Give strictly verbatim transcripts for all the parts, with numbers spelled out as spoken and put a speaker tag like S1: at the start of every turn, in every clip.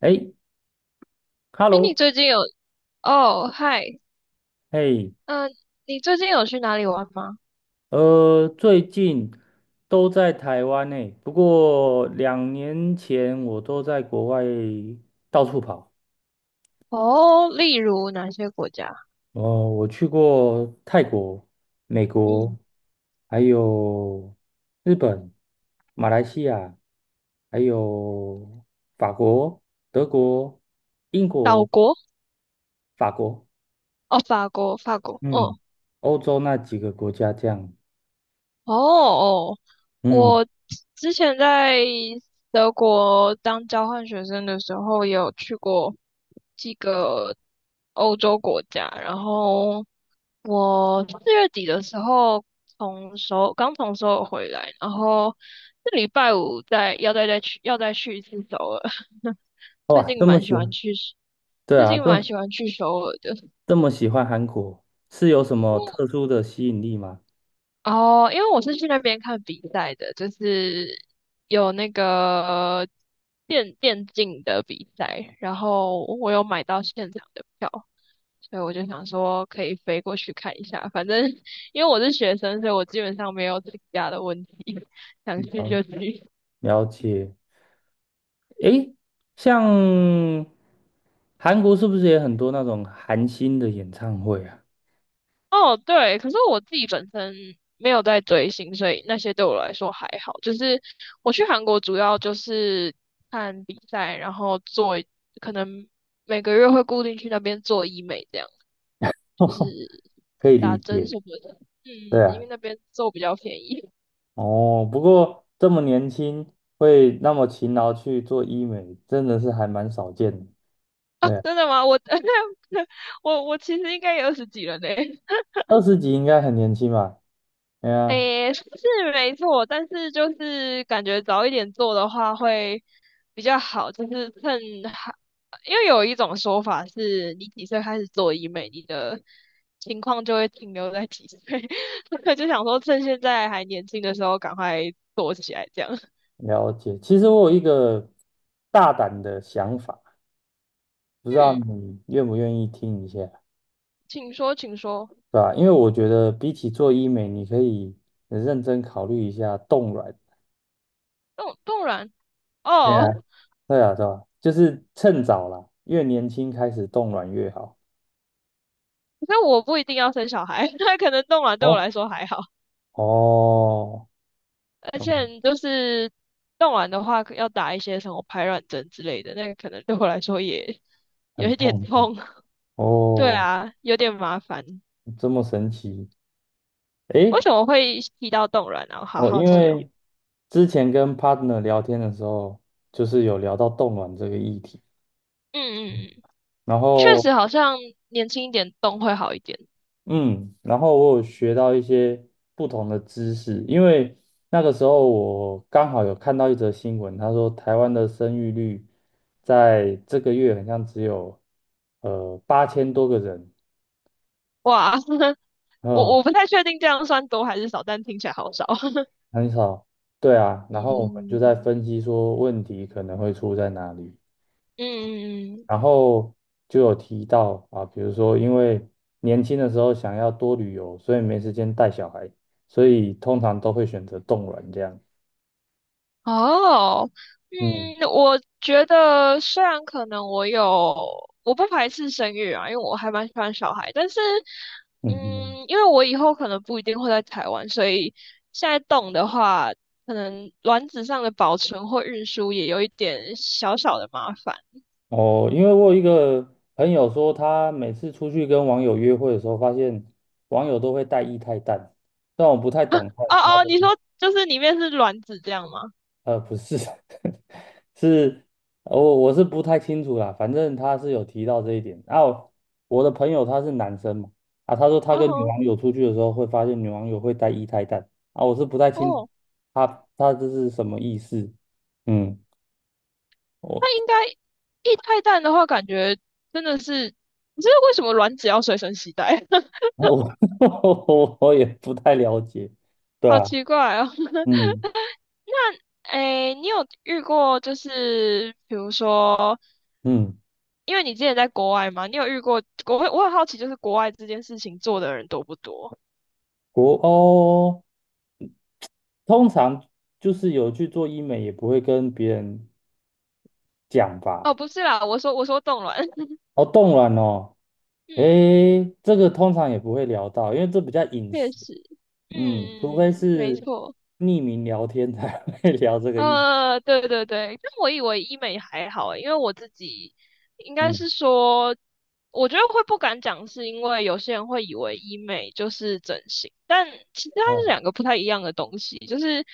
S1: 哎
S2: 哎，
S1: ，Hello，
S2: 你最近有哦，嗨，
S1: 哎，
S2: 嗯，你最近有去哪里玩吗？
S1: 呃，最近都在台湾呢，不过两年前我都在国外到处跑。
S2: 哦，例如哪些国家？
S1: 哦，我去过泰国、美国，
S2: 嗯，
S1: 还有日本、马来西亚，还有法国、德国、英
S2: 岛
S1: 国、
S2: 国
S1: 法国，
S2: 哦，法国，法国，
S1: 嗯，
S2: 哦
S1: 欧洲那几个国家这样。
S2: 哦哦，
S1: 嗯，
S2: 我之前在德国当交换学生的时候，有去过几个欧洲国家，然后我四月底的时候从首尔刚从首尔回来，然后这礼拜五再要再再去要再去一次首尔。最
S1: 哇，
S2: 近
S1: 这么
S2: 蛮喜
S1: 喜
S2: 欢
S1: 欢，
S2: 去
S1: 对
S2: 最
S1: 啊，
S2: 近
S1: 这
S2: 蛮喜欢去首尔的。
S1: 这么喜欢韩国，是有什么特殊的吸引力吗？
S2: 哦，因为我是去那边看比赛的，就是有那个电电竞的比赛，然后我有买到现场的票。所以我就想说可以飞过去看一下，反正因为我是学生，所以我基本上没有请假的问题，想去
S1: 哦，
S2: 就去。
S1: 了解。诶，像韩国是不是也很多那种韩星的演唱会啊？
S2: 哦，对，可是我自己本身没有在追星，所以那些对我来说还好。就是我去韩国主要就是看比赛，然后做，可能每个月会固定去那边做医美，这样就是
S1: 可以
S2: 打
S1: 理
S2: 针
S1: 解，
S2: 什么的。嗯，
S1: 对
S2: 因
S1: 啊，
S2: 为那边做比较便宜。
S1: 哦，不过这么年轻会那么勤劳去做医美，真的是还蛮少见的。
S2: 啊，
S1: 对啊，
S2: 真的吗？我 我我其实应该也二十几了呢。
S1: 二十几应该很年轻吧？哎呀，
S2: 诶，是没错，但是就是感觉早一点做的话会比较好，就是趁还，因为有一种说法是，你几岁开始做医美，你的情况就会停留在几岁，所以就想说趁现在还年轻的时候赶快做起来，这样。
S1: 了解。其实我有一个大胆的想法，不知道
S2: 嗯，
S1: 你愿不愿意听一下？
S2: 请说，请说。
S1: 对吧？因为我觉得比起做医美，你可以认真考虑一下冻卵。
S2: 冻冻卵
S1: 对
S2: 哦，
S1: 啊，对啊，对吧？就是趁早啦，越年轻开始冻卵越好。
S2: 可是我不一定要生小孩，那可能冻卵对我
S1: 哦
S2: 来说还好。
S1: 哦，
S2: 而且
S1: 哦，
S2: 你就是弄完的话，要打一些什么排卵针之类的，那个可能对我来说也有
S1: 很
S2: 一点
S1: 痛啊！
S2: 痛。对
S1: 哦，
S2: 啊，有点麻烦。
S1: 这么神奇。
S2: 为
S1: 诶，
S2: 什么会提到冻卵啊？我好
S1: 哦，
S2: 好
S1: 因
S2: 奇哦。
S1: 为之前跟 partner 聊天的时候，就是有聊到冻卵这个议题，
S2: 嗯嗯嗯，
S1: 然
S2: 确实
S1: 后
S2: 好像年轻一点冻会好一点。
S1: 嗯，然后我有学到一些不同的知识，因为那个时候我刚好有看到一则新闻，他说台湾的生育率在这个月好像只有呃八千多个人，
S2: 哇，我
S1: 嗯，
S2: 我不太确定这样算多还是少，但听起来好少。
S1: 很少，对啊，然后我们就在
S2: 嗯
S1: 分析说问题可能会出在哪里，
S2: 嗯嗯，
S1: 然后就有提到啊，比如说因为年轻的时候想要多旅游，所以没时间带小孩，所以通常都会选择冻卵这样。
S2: 哦，
S1: 嗯。
S2: 嗯，我觉得虽然可能我有，我不排斥生育啊，因为我还蛮喜欢小孩，但是，
S1: 嗯嗯，嗯
S2: 嗯，因为我以后可能不一定会在台湾，所以现在动的话，可能卵子上的保存或运输也有一点小小的麻烦。
S1: 哦，因为我有一个朋友说，他每次出去跟网友约会的时候，发现网友都会带液态氮，但我不太懂他
S2: 哦
S1: 他
S2: 哦，
S1: 的，
S2: 你说就是里面是卵子这样吗？
S1: 呃，不是，是，我我是不太清楚啦，反正他是有提到这一点。然后我的朋友他是男生嘛，啊，他说他跟女
S2: 哦
S1: 网友出去的时候会发现女网友会带液态氮，啊，我是不太清楚
S2: 哦，
S1: 他他这是什么意思，嗯。
S2: 那
S1: 我。
S2: 应该一态蛋的话，感觉真的是，知是为什么卵子要随身携带？
S1: 我 我也不太了解，对
S2: 好
S1: 啊，
S2: 奇怪哦。
S1: 嗯
S2: 那，诶，你有遇过就是比如说，
S1: 嗯，
S2: 因为你之前在国外嘛，你有遇过国外？我很好奇，就是国外这件事情做的人多不多？
S1: 国欧通常就是有去做医美，也不会跟别人讲
S2: 哦，
S1: 吧？
S2: 不是啦，我说我说冻卵，
S1: 哦，冻卵哦，
S2: 嗯，
S1: 诶，这个通常也不会聊到，因为这比较隐
S2: 确
S1: 私，
S2: 实，
S1: 嗯，除
S2: 嗯
S1: 非
S2: 嗯嗯，没
S1: 是
S2: 错。
S1: 匿名聊天才会 聊这个议题，
S2: 呃，对对对，但我以为医美还好欸因为我自己应该
S1: 嗯
S2: 是说，我觉得会不敢讲，是因为有些人会以为医美就是整形，但其实它是
S1: 嗯
S2: 两个不太一样的东西，就是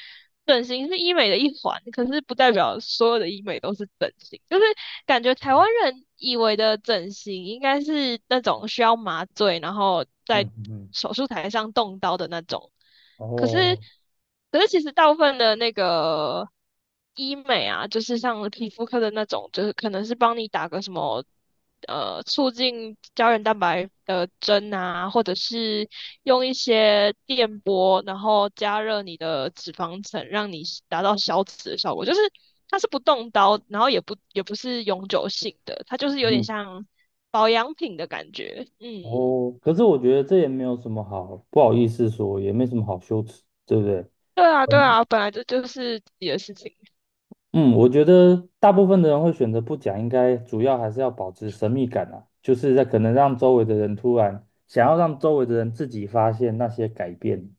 S2: 整形是医美的一环，可是不代表所有的医美都是整形，就是感觉台湾人以为的整形应该是那种需要麻醉，然后在
S1: 嗯嗯，
S2: 手术台上动刀的那种。可是，
S1: 哦
S2: 可是其实大部分的那个医美啊，就是像皮肤科的那种，就是可能是帮你打个什么呃促进胶原蛋白的针啊，或者是用一些电波，然后加热你的脂肪层，让你达到消脂的效果。就是它是不动刀，然后也不也不是永久性的，它就是有点
S1: 嗯
S2: 像保养品的感觉。嗯，
S1: 哦，可是我觉得这也没有什么好不好意思说，也没什么好羞耻，对不对？
S2: 对啊，对啊，本来这就是自己的事情。
S1: 嗯，我觉得大部分的人会选择不讲，应该主要还是要保持神秘感啊，就是在可能让周围的人突然想要让周围的人自己发现那些改变。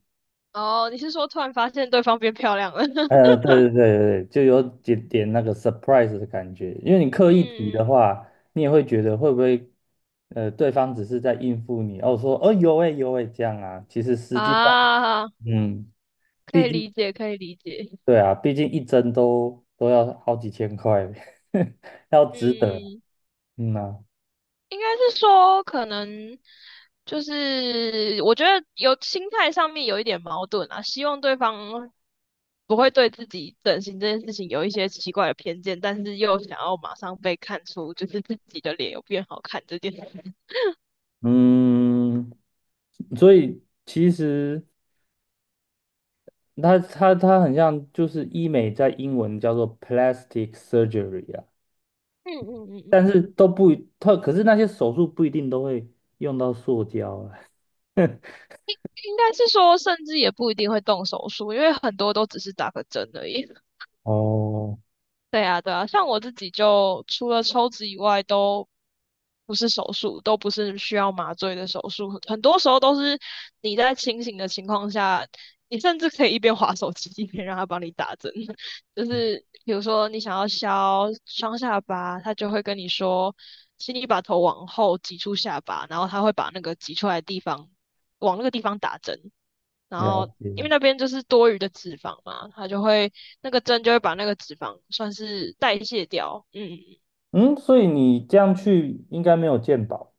S2: 哦，你是说突然发现对方变漂亮了？
S1: 呃，对对对对，就有点点那个 surprise 的感觉，因为你刻意提的
S2: 嗯，
S1: 话，你也会觉得会不会，呃，对方只是在应付你，哦，说哦有诶有诶这样啊，其实实际上，
S2: 啊，
S1: 嗯，
S2: 可
S1: 毕
S2: 以
S1: 竟
S2: 理解，可以理解。
S1: 对啊，毕竟一针都都要好几千块，要值得，
S2: 嗯，
S1: 嗯呐、
S2: 应该是说可能就是我觉得有心态上面有一点矛盾啊，希望对方不会对自己整形这件事情有一些奇怪的偏见，但是又想要马上被看出就是自己的脸有变好看这件事。
S1: 嗯，所以其实它它它很像，就是医美在英文叫做 plastic surgery 啊，
S2: 嗯嗯嗯，
S1: 但是都不一，它可是那些手术不一定都会用到塑胶啊。
S2: 应该是说甚至也不一定会动手术，因为很多都只是打个针而已。
S1: 哦，
S2: 对啊，对啊，像我自己就除了抽脂以外，都不是手术，都不是需要麻醉的手术，很多时候都是你在清醒的情况下，你甚至可以一边滑手机一边让他帮你打针。就是比如说你想要削双下巴，他就会跟你说，请你把头往后挤出下巴，然后他会把那个挤出来的地方往那个地方打针，然
S1: 了
S2: 后
S1: 解。
S2: 因为那边就是多余的脂肪嘛，它就会那个针就会把那个脂肪算是代谢掉。嗯，
S1: 嗯，所以你这样去应该没有健保。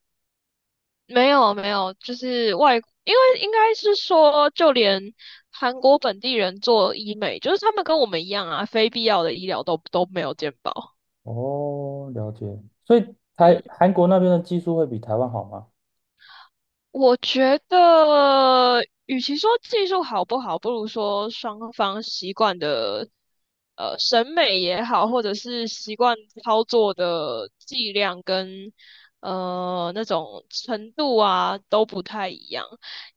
S2: 没有没有，就是外，因为应该是说，就连韩国本地人做医美，就是他们跟我们一样啊，非必要的医疗都都没有健保。
S1: 哦，了解。所以台
S2: 嗯，
S1: 韩国那边的技术会比台湾好吗？
S2: 我觉得，与其说技术好不好，不如说双方习惯的，呃，审美也好，或者是习惯操作的剂量跟，呃，那种程度啊，都不太一样。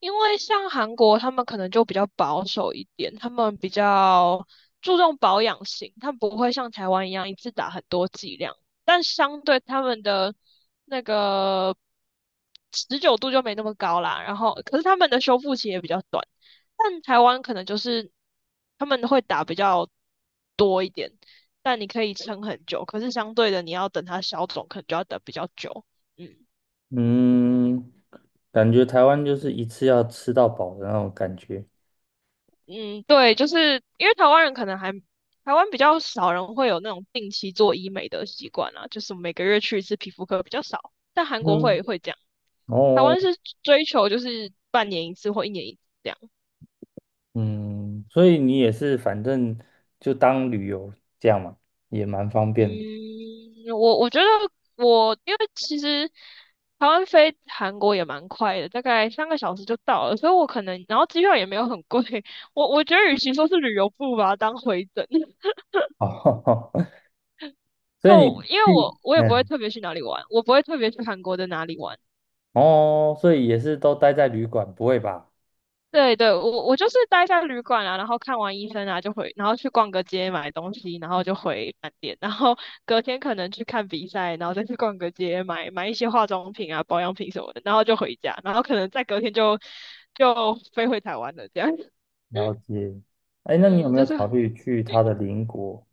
S2: 因为像韩国，他们可能就比较保守一点，他们比较注重保养型，他们不会像台湾一样一次打很多剂量。但相对他们的那个持久度就没那么高啦。然后，可是他们的修复期也比较短，但台湾可能就是他们会打比较多一点，但你可以撑很久。可是相对的，你要等它消肿，可能就要等比较久。嗯。
S1: 嗯，感觉台湾就是一次要吃到饱的那种感觉。
S2: 嗯，对，就是因为台湾人可能还台湾比较少人会有那种定期做医美的习惯啊，就是每个月去一次皮肤科比较少，但韩国会
S1: 嗯。
S2: 会这样。台
S1: 哦，
S2: 湾是追求就是半年一次或一年一次这样。
S1: 嗯，所以你也是反正就当旅游这样嘛，也蛮方
S2: 嗯，
S1: 便的。
S2: 我我觉得我因为其实台湾飞韩国也蛮快的，大概三个小时就到了，所以我可能然后机票也没有很贵，我我觉得与其说是旅游，不如把它当回诊。
S1: 哦，所以
S2: 就
S1: 你
S2: 因为
S1: 去，
S2: 我我也不会
S1: 嗯，
S2: 特别去哪里玩，我不会特别去韩国的哪里玩。
S1: 哦，所以也是都待在旅馆，不会吧？
S2: 对对，我我就是待在旅馆啊，然后看完医生啊就回，然后去逛个街买东西，然后就回饭店，然后隔天可能去看比赛，然后再去逛个街买买一些化妆品啊、保养品什么的，然后就回家，然后可能再隔天就就飞回台湾了，这样。
S1: 了解。哎，那你有
S2: 嗯，
S1: 没
S2: 就
S1: 有
S2: 是
S1: 考
S2: 嗯，
S1: 虑去他的 邻国？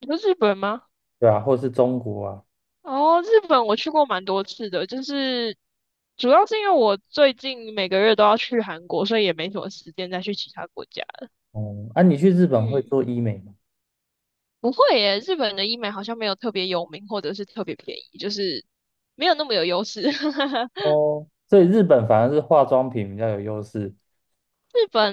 S2: 你说日本吗？
S1: 对啊，或是中国啊？
S2: 哦，日本我去过蛮多次的，就是主要是因为我最近每个月都要去韩国，所以也没什么时间再去其他国家。
S1: 哦，啊，你去日本会
S2: 嗯，
S1: 做医美吗？
S2: 不会耶，日本的医美好像没有特别有名，或者是特别便宜，就是没有那么有优势。
S1: 哦，所以日本反而是化妆品比较有优势。
S2: 日本，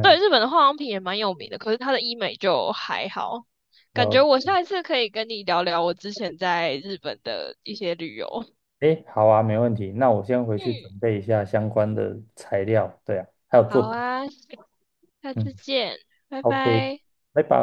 S2: 对，日本的化妆品也蛮有名的，可是它的医美就还好。感觉
S1: 了，
S2: 我下一次可以跟你聊聊我之前在日本的一些旅游。
S1: 哎，好啊，没问题。那我先回去
S2: 嗯，
S1: 准备一下相关的材料。对啊，还有作
S2: 好
S1: 品。
S2: 啊，下
S1: 嗯。
S2: 次见，拜
S1: OK，
S2: 拜。
S1: 拜拜。